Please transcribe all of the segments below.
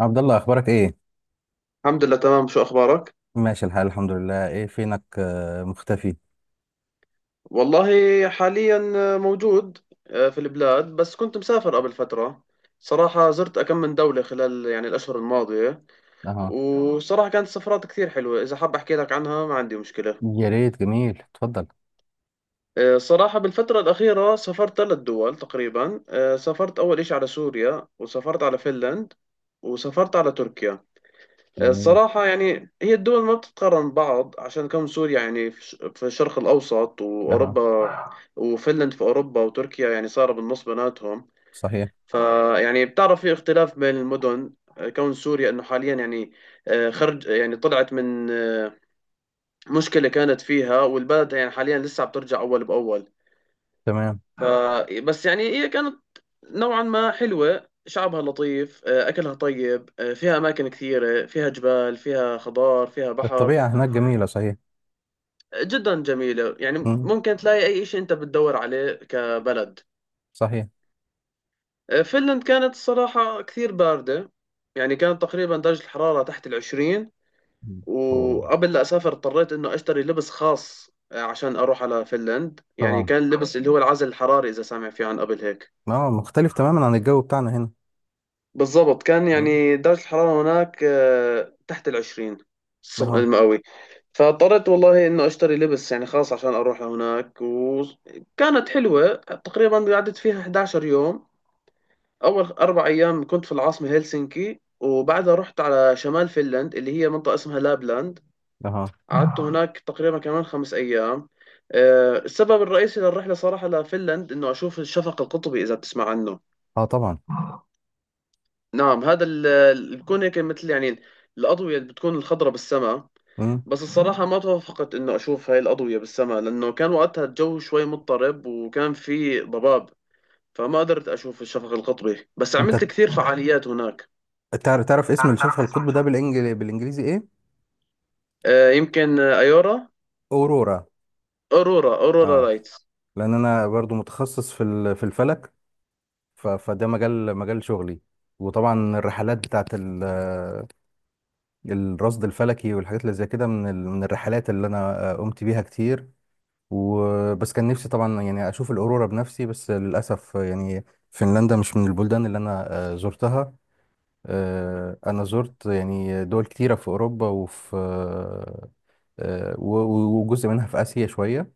عبد الله، اخبارك ايه؟ الحمد لله، تمام. شو أخبارك؟ ماشي الحال، الحمد لله. ايه فينك؟ مختفي. والله حاليا موجود، في البلاد، بس كنت مسافر قبل فترة. صراحة زرت أكم من دولة خلال يعني الأشهر الماضية. اها. وصراحة كانت سفرات كثير حلوة، إذا حاب أحكي لك عنها ما عندي مشكلة. يا ريت، جميل، اتفضل. صراحة بالفترة الأخيرة سافرت ثلاث دول تقريبا. سافرت أول إشي على سوريا، وسافرت على فنلند، وسافرت على تركيا. جميل. الصراحة يعني هي الدول ما بتتقارن بعض، عشان كم سوريا يعني في الشرق الأوسط اها. وأوروبا، وفنلند في أوروبا، وتركيا يعني صار بالنص بيناتهم. صحيح. فيعني بتعرف في اختلاف بين المدن. كون سوريا انه حاليا يعني خرج يعني طلعت من مشكلة كانت فيها، والبلد يعني حاليا لسه بترجع اول باول. تمام. ف بس يعني هي كانت نوعا ما حلوة. شعبها لطيف، أكلها طيب، فيها أماكن كثيرة، فيها جبال، فيها خضار، فيها بحر. الطبيعة هناك جميلة، صحيح. جدا جميلة، يعني مم. ممكن تلاقي أي شيء أنت بتدور عليه كبلد. صحيح. فنلند كانت الصراحة كثير باردة. يعني كانت تقريبا درجة الحرارة تحت العشرين. مم. أوه. وقبل لا أسافر اضطريت إنه أشتري لبس خاص، عشان أروح على فنلند. يعني طبعا. كان اللبس اللي هو العزل الحراري، إذا سامع فيه عن قبل هيك. اه، مختلف تماما عن الجو بتاعنا هنا. بالضبط، كان مم. يعني درجة الحرارة هناك تحت العشرين. اها. المئوي. فاضطريت والله انه اشتري لبس يعني خاص عشان اروح لهناك. وكانت حلوة. تقريبا قعدت فيها 11 يوم. اول اربع ايام كنت في العاصمة هلسنكي، وبعدها رحت على شمال فنلند، اللي هي منطقة اسمها لابلاند. اها. قعدت هناك تقريبا كمان خمس ايام. السبب الرئيسي للرحلة صراحة لفنلند انه اشوف الشفق القطبي، اذا بتسمع عنه. اه، طبعا. نعم، هذا بتكون هيك مثل يعني الأضوية اللي بتكون الخضرة بالسماء. مم. بس الصراحة ما توافقت إنه أشوف هاي الأضوية بالسماء، لأنه كان وقتها الجو شوي مضطرب وكان في ضباب. فما قدرت أشوف الشفق القطبي، بس عملت انت، كثير فعاليات هناك. تعرف اسم تعرف الشفق اسم القطب ده الشفق؟ بالانجليزي ايه؟ يمكن أيورا. اورورا. أورورا اه. لايتس. لان انا برضو متخصص في الفلك. فده مجال شغلي. وطبعا الرحلات بتاعت الرصد الفلكي والحاجات اللي زي كده من الرحلات اللي انا قمت بيها كتير. وبس كان نفسي طبعا، يعني اشوف الاورورا بنفسي، بس للاسف، يعني فنلندا مش من البلدان اللي انا زرتها. انا زرت يعني دول كتيره في اوروبا وفي، آه، وجزء منها في اسيا شويه.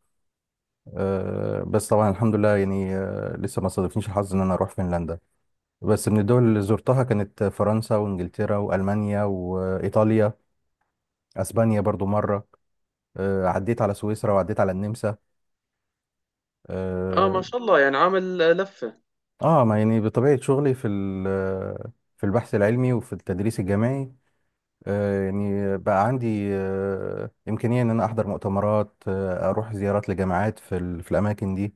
بس طبعا الحمد لله، يعني لسه ما صادفنيش الحظ ان انا اروح فنلندا. بس من الدول اللي زرتها كانت فرنسا وانجلترا والمانيا وايطاليا. اسبانيا برضو مره. عديت على سويسرا وعديت على النمسا. اه. ما شاء الله، يعني عامل لفة. ما يعني، بطبيعه شغلي في البحث العلمي وفي التدريس الجامعي، يعني بقى عندي امكانيه ان انا احضر مؤتمرات، اروح زيارات لجامعات في الاماكن دي.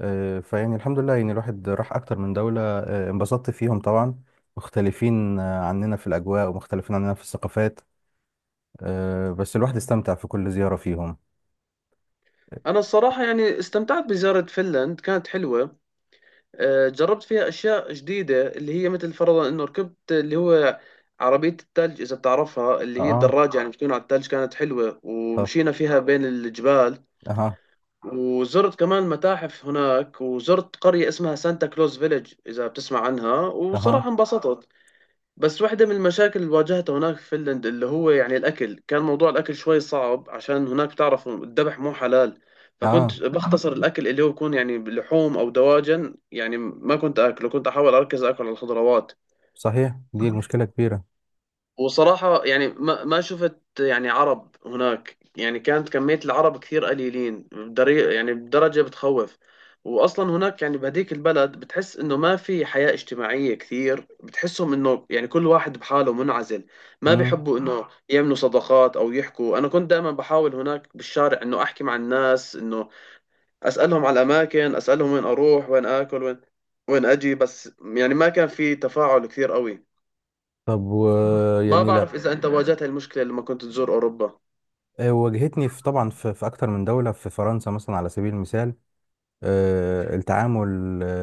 فيعني الحمد لله، يعني الواحد راح اكتر من دوله، انبسطت فيهم طبعا. مختلفين عننا في الاجواء، ومختلفين عننا في الثقافات. بس الواحد استمتع في كل زيارة فيهم. أنا الصراحة يعني استمتعت بزيارة فنلند، كانت حلوة. جربت فيها أشياء جديدة، اللي هي مثل فرضا إنه ركبت اللي هو عربية الثلج، إذا بتعرفها، اللي هي اه. الدراجة يعني بتكون على الثلج. كانت حلوة، طب. ومشينا فيها بين الجبال. اها. وزرت كمان متاحف هناك، وزرت قرية اسمها سانتا كلوز فيلج، إذا بتسمع عنها. اها. وصراحة انبسطت. بس واحدة من المشاكل اللي واجهتها هناك في فنلند، اللي هو يعني الأكل، كان موضوع الأكل شوي صعب، عشان هناك تعرفوا الذبح مو حلال. اه، فكنت بختصر الأكل اللي هو يكون يعني لحوم أو دواجن، يعني ما كنت أكله. كنت أحاول أركز أكل على الخضروات. صحيح، دي المشكلة كبيرة. وصراحة يعني ما شفت يعني عرب هناك. يعني كانت كمية العرب كثير قليلين بدري، يعني بدرجة بتخوف. وأصلا هناك يعني بهديك البلد بتحس إنه ما في حياة اجتماعية كثير. بتحسهم إنه يعني كل واحد بحاله منعزل. ما امم. بيحبوا إنه يعملوا صداقات أو يحكوا. أنا كنت دائما بحاول هناك بالشارع إنه أحكي مع الناس، إنه أسألهم على الأماكن، أسألهم وين أروح، وين آكل، وين أجي. بس يعني ما كان في تفاعل كثير قوي. طب. ما يعني لا، بعرف إذا أنت واجهت هاي المشكلة لما كنت تزور أوروبا. واجهتني، في، طبعا، في اكتر من دولة، في فرنسا مثلا على سبيل المثال. التعامل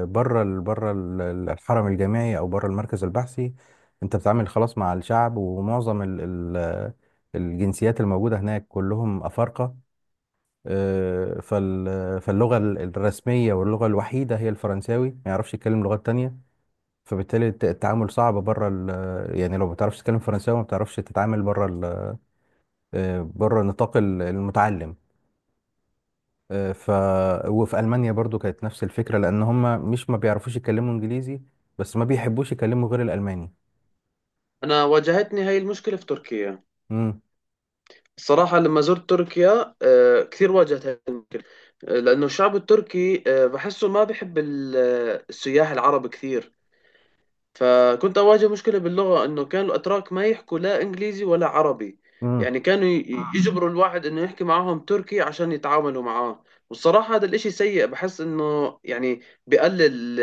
بره الحرم الجامعي او بره المركز البحثي، انت بتتعامل خلاص مع الشعب، ومعظم ال ال الجنسيات الموجودة هناك كلهم أفارقة. فاللغة الرسمية واللغة الوحيدة هي الفرنساوي، ما يعرفش يتكلم لغات تانية. فبالتالي التعامل صعب بره يعني لو ما بتعرفش تتكلم فرنساوي، ما بتعرفش تتعامل بره، بره نطاق المتعلم. آه، ف وفي ألمانيا برضو كانت نفس الفكرة، لأن هم مش ما بيعرفوش يتكلموا إنجليزي، بس ما بيحبوش يتكلموا غير الألماني. أنا واجهتني هاي المشكلة في تركيا. امم. الصراحة لما زرت تركيا كثير واجهت هاي المشكلة. لأنه الشعب التركي بحسه ما بحب السياح العرب كثير. فكنت أواجه مشكلة باللغة، إنه كانوا الأتراك ما يحكوا لا إنجليزي ولا عربي. امم. يعني كانوا يجبروا الواحد إنه يحكي معاهم تركي عشان يتعاملوا معاه. والصراحة هذا الإشي سيء. بحس إنه يعني بقلل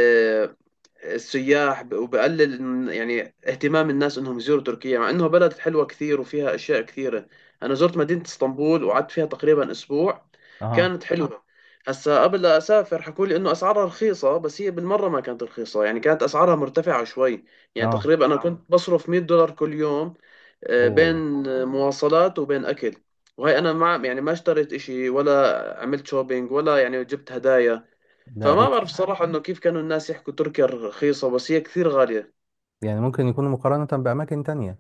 السياح ب- وبقلل إن- يعني اهتمام الناس انهم يزوروا تركيا، مع انه بلد حلوه كثير وفيها اشياء كثيره. انا زرت مدينه اسطنبول، وقعدت فيها تقريبا اسبوع. اها. كانت حلوه. هسا قبل لا اسافر حكوا لي انه اسعارها رخيصه، بس هي بالمره ما كانت رخيصه. يعني كانت اسعارها مرتفعه شوي. يعني اه. تقريبا انا كنت بصرف 100 دولار كل يوم، اوه. بين مواصلات وبين اكل. وهي انا ما يعني ما اشتريت اشي، ولا عملت شوبينج، ولا يعني جبت هدايا. ده فما قريت. بعرف صراحة إنه كيف كانوا الناس يحكوا تركيا رخيصة، بس هي كثير غالية. يعني ممكن يكونوا مقارنة بأماكن تانية.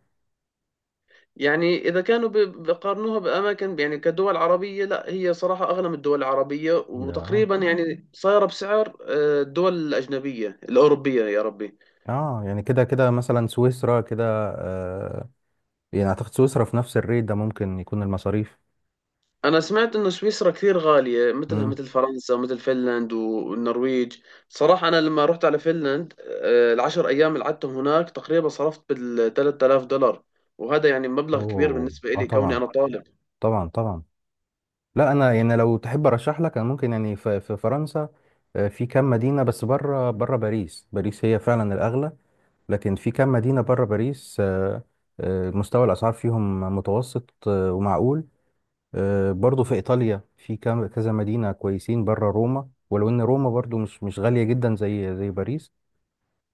يعني إذا كانوا بقارنوها بأماكن يعني كدول عربية، لا هي صراحة أغلى من الدول العربية، ده وتقريبا يعني صايرة بسعر الدول الأجنبية الأوروبية. يا ربي. اه، يعني كده كده مثلا سويسرا كده. آه يعني اعتقد سويسرا في نفس الريت ده، ممكن يكون المصاريف. أنا سمعت إنه سويسرا كثير غالية، مثلها امم. مثل فرنسا ومثل فنلند والنرويج. صراحة أنا لما رحت على فنلند، العشر أيام اللي قعدتهم هناك تقريبا صرفت بال 3000 دولار. وهذا يعني مبلغ كبير اوه، بالنسبة اه، إلي، كوني طبعا. أنا طالب. طبعا، طبعا. لا، انا يعني لو تحب ارشح لك، انا ممكن يعني في فرنسا. في كام مدينة، بس بره باريس. باريس هي فعلا الاغلى. لكن في كام مدينة بره باريس. مستوى الاسعار فيهم متوسط، ومعقول. برضو في ايطاليا في كام كذا مدينة كويسين بره روما، ولو ان روما برضو مش غالية جدا زي باريس.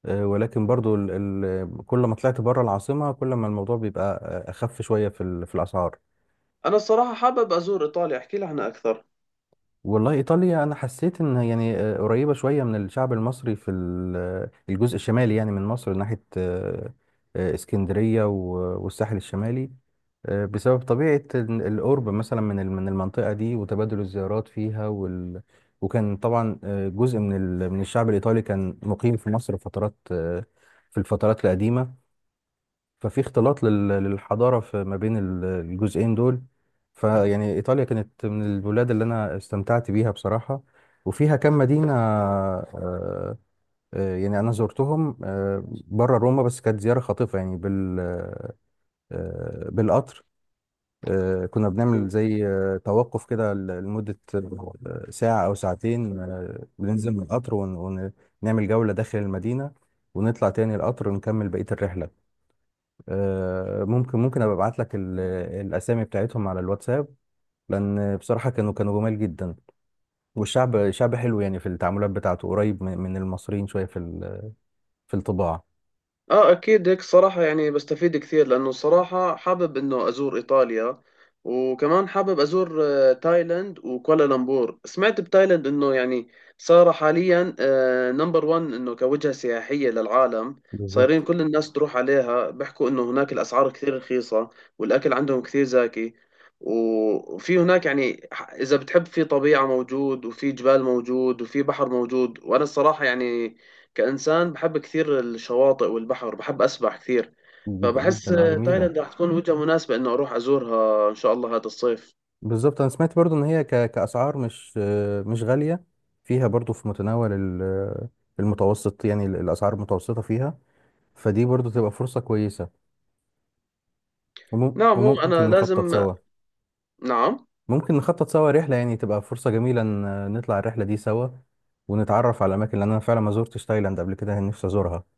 ولكن برضو ال ال كل ما طلعت بره العاصمة، كل ما الموضوع بيبقى أخف شوية في الأسعار. انا الصراحه حابب ازور ايطاليا، احكي لي عنها اكثر. والله، إيطاليا أنا حسيت إن، يعني، قريبة شوية من الشعب المصري في ال- آه، الجزء الشمالي، يعني من مصر، ناحية اسكندرية والساحل الشمالي. بسبب طبيعة القرب مثلا من المنطقة دي، وتبادل الزيارات فيها، وكان طبعا، جزء من الشعب الإيطالي كان مقيم في مصر فترات، في الفترات القديمة. ففي اختلاط للحضارة في ما بين الجزئين دول. فيعني إيطاليا كانت من البلاد اللي أنا استمتعت بيها بصراحة. وفيها كم مدينة، يعني أنا زرتهم، بره روما، بس كانت زيارة خاطفة يعني بالقطر. كنا بنعمل زي توقف كده، لمدة ساعة أو ساعتين، بننزل من القطر ونعمل جولة داخل المدينة، ونطلع تاني القطر ونكمل بقية الرحلة. ممكن ابقى ابعت لك الاسامي بتاعتهم على الواتساب، لان بصراحه كانوا جمال جدا. والشعب شعب حلو، يعني في التعاملات بتاعته قريب من المصريين شويه في الطباع. اه، اكيد. هيك صراحة يعني بستفيد كثير، لانه صراحة حابب انه ازور ايطاليا. وكمان حابب ازور تايلاند وكوالالمبور. سمعت بتايلاند انه يعني صار حاليا نمبر 1 انه كوجهة سياحية للعالم. صايرين بالظبط. كل الناس تروح عليها، بيحكوا انه هناك الاسعار كثير رخيصة، والاكل عندهم كثير زاكي. وفي هناك يعني اذا بتحب في طبيعة موجود، وفي جبال موجود، وفي بحر موجود. وانا الصراحة يعني كإنسان بحب كثير الشواطئ والبحر، بحب أسبح كثير. فبحس جدا، اه، جميله. تايلاند راح تكون وجهة مناسبة إنه أروح أزورها إن شاء الله هذا الصيف. بالظبط، انا سمعت برضو ان هي، كاسعار، مش غاليه، فيها برضو في متناول المتوسط، يعني الاسعار المتوسطه فيها. فدي برضو تبقى فرصه كويسه. نعم، هو أنا وممكن نخطط لازم. سوا. نعم. ممكن نخطط سوا رحلة، يعني تبقى فرصة جميلة إن نطلع الرحلة دي سوا، ونتعرف على الأماكن، لأن أنا فعلا ما زرتش تايلاند قبل كده، يعني نفسي أزورها.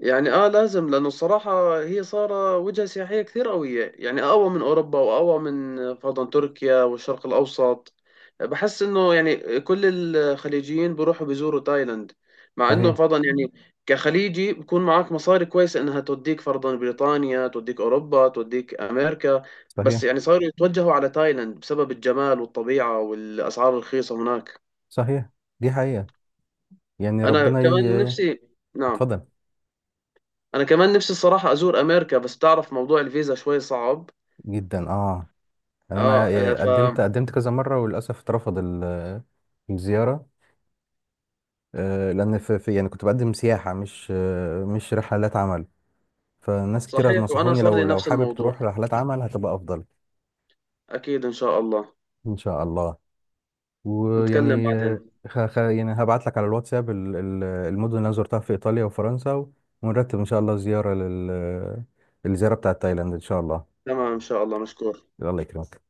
يعني اه، لازم، لانه الصراحه هي صار وجهه سياحيه كثير قويه، يعني اقوى من اوروبا واقوى من فرضا تركيا والشرق الاوسط. بحس انه يعني كل الخليجيين بيروحوا بيزوروا تايلاند، مع انه صحيح. فرضا يعني كخليجي بكون معك مصاري كويسه انها توديك فرضا بريطانيا، توديك اوروبا، توديك امريكا. بس صحيح. يعني صاروا يتوجهوا على تايلاند بسبب الجمال والطبيعه والاسعار الرخيصه هناك. صحيح، دي حقيقة. يعني انا ربنا كمان ي... نفسي. نعم. اتفضل. انا كمان نفسي الصراحه ازور امريكا، بس تعرف موضوع الفيزا شويه صعب. جدا، اه. يعني اه، آه، أنا ف قدمت كذا مرة، وللأسف اترفض الزيارة، لأن في، يعني، كنت بقدم سياحة، مش رحلات عمل. فناس كتير صحيح. وانا نصحوني، صار لو لي لو نفس حابب الموضوع. تروح رحلات عمل، هتبقى أفضل. اكيد ان شاء الله. إن شاء الله. نتكلم ويعني بعدين. يعني هبعت لك على الواتساب المدن اللي انا زرتها في ايطاليا وفرنسا، ونرتب ان شاء الله زياره، الزياره بتاعت تايلاند ان شاء الله. تمام ان شاء الله، مشكور. الله يكرمك.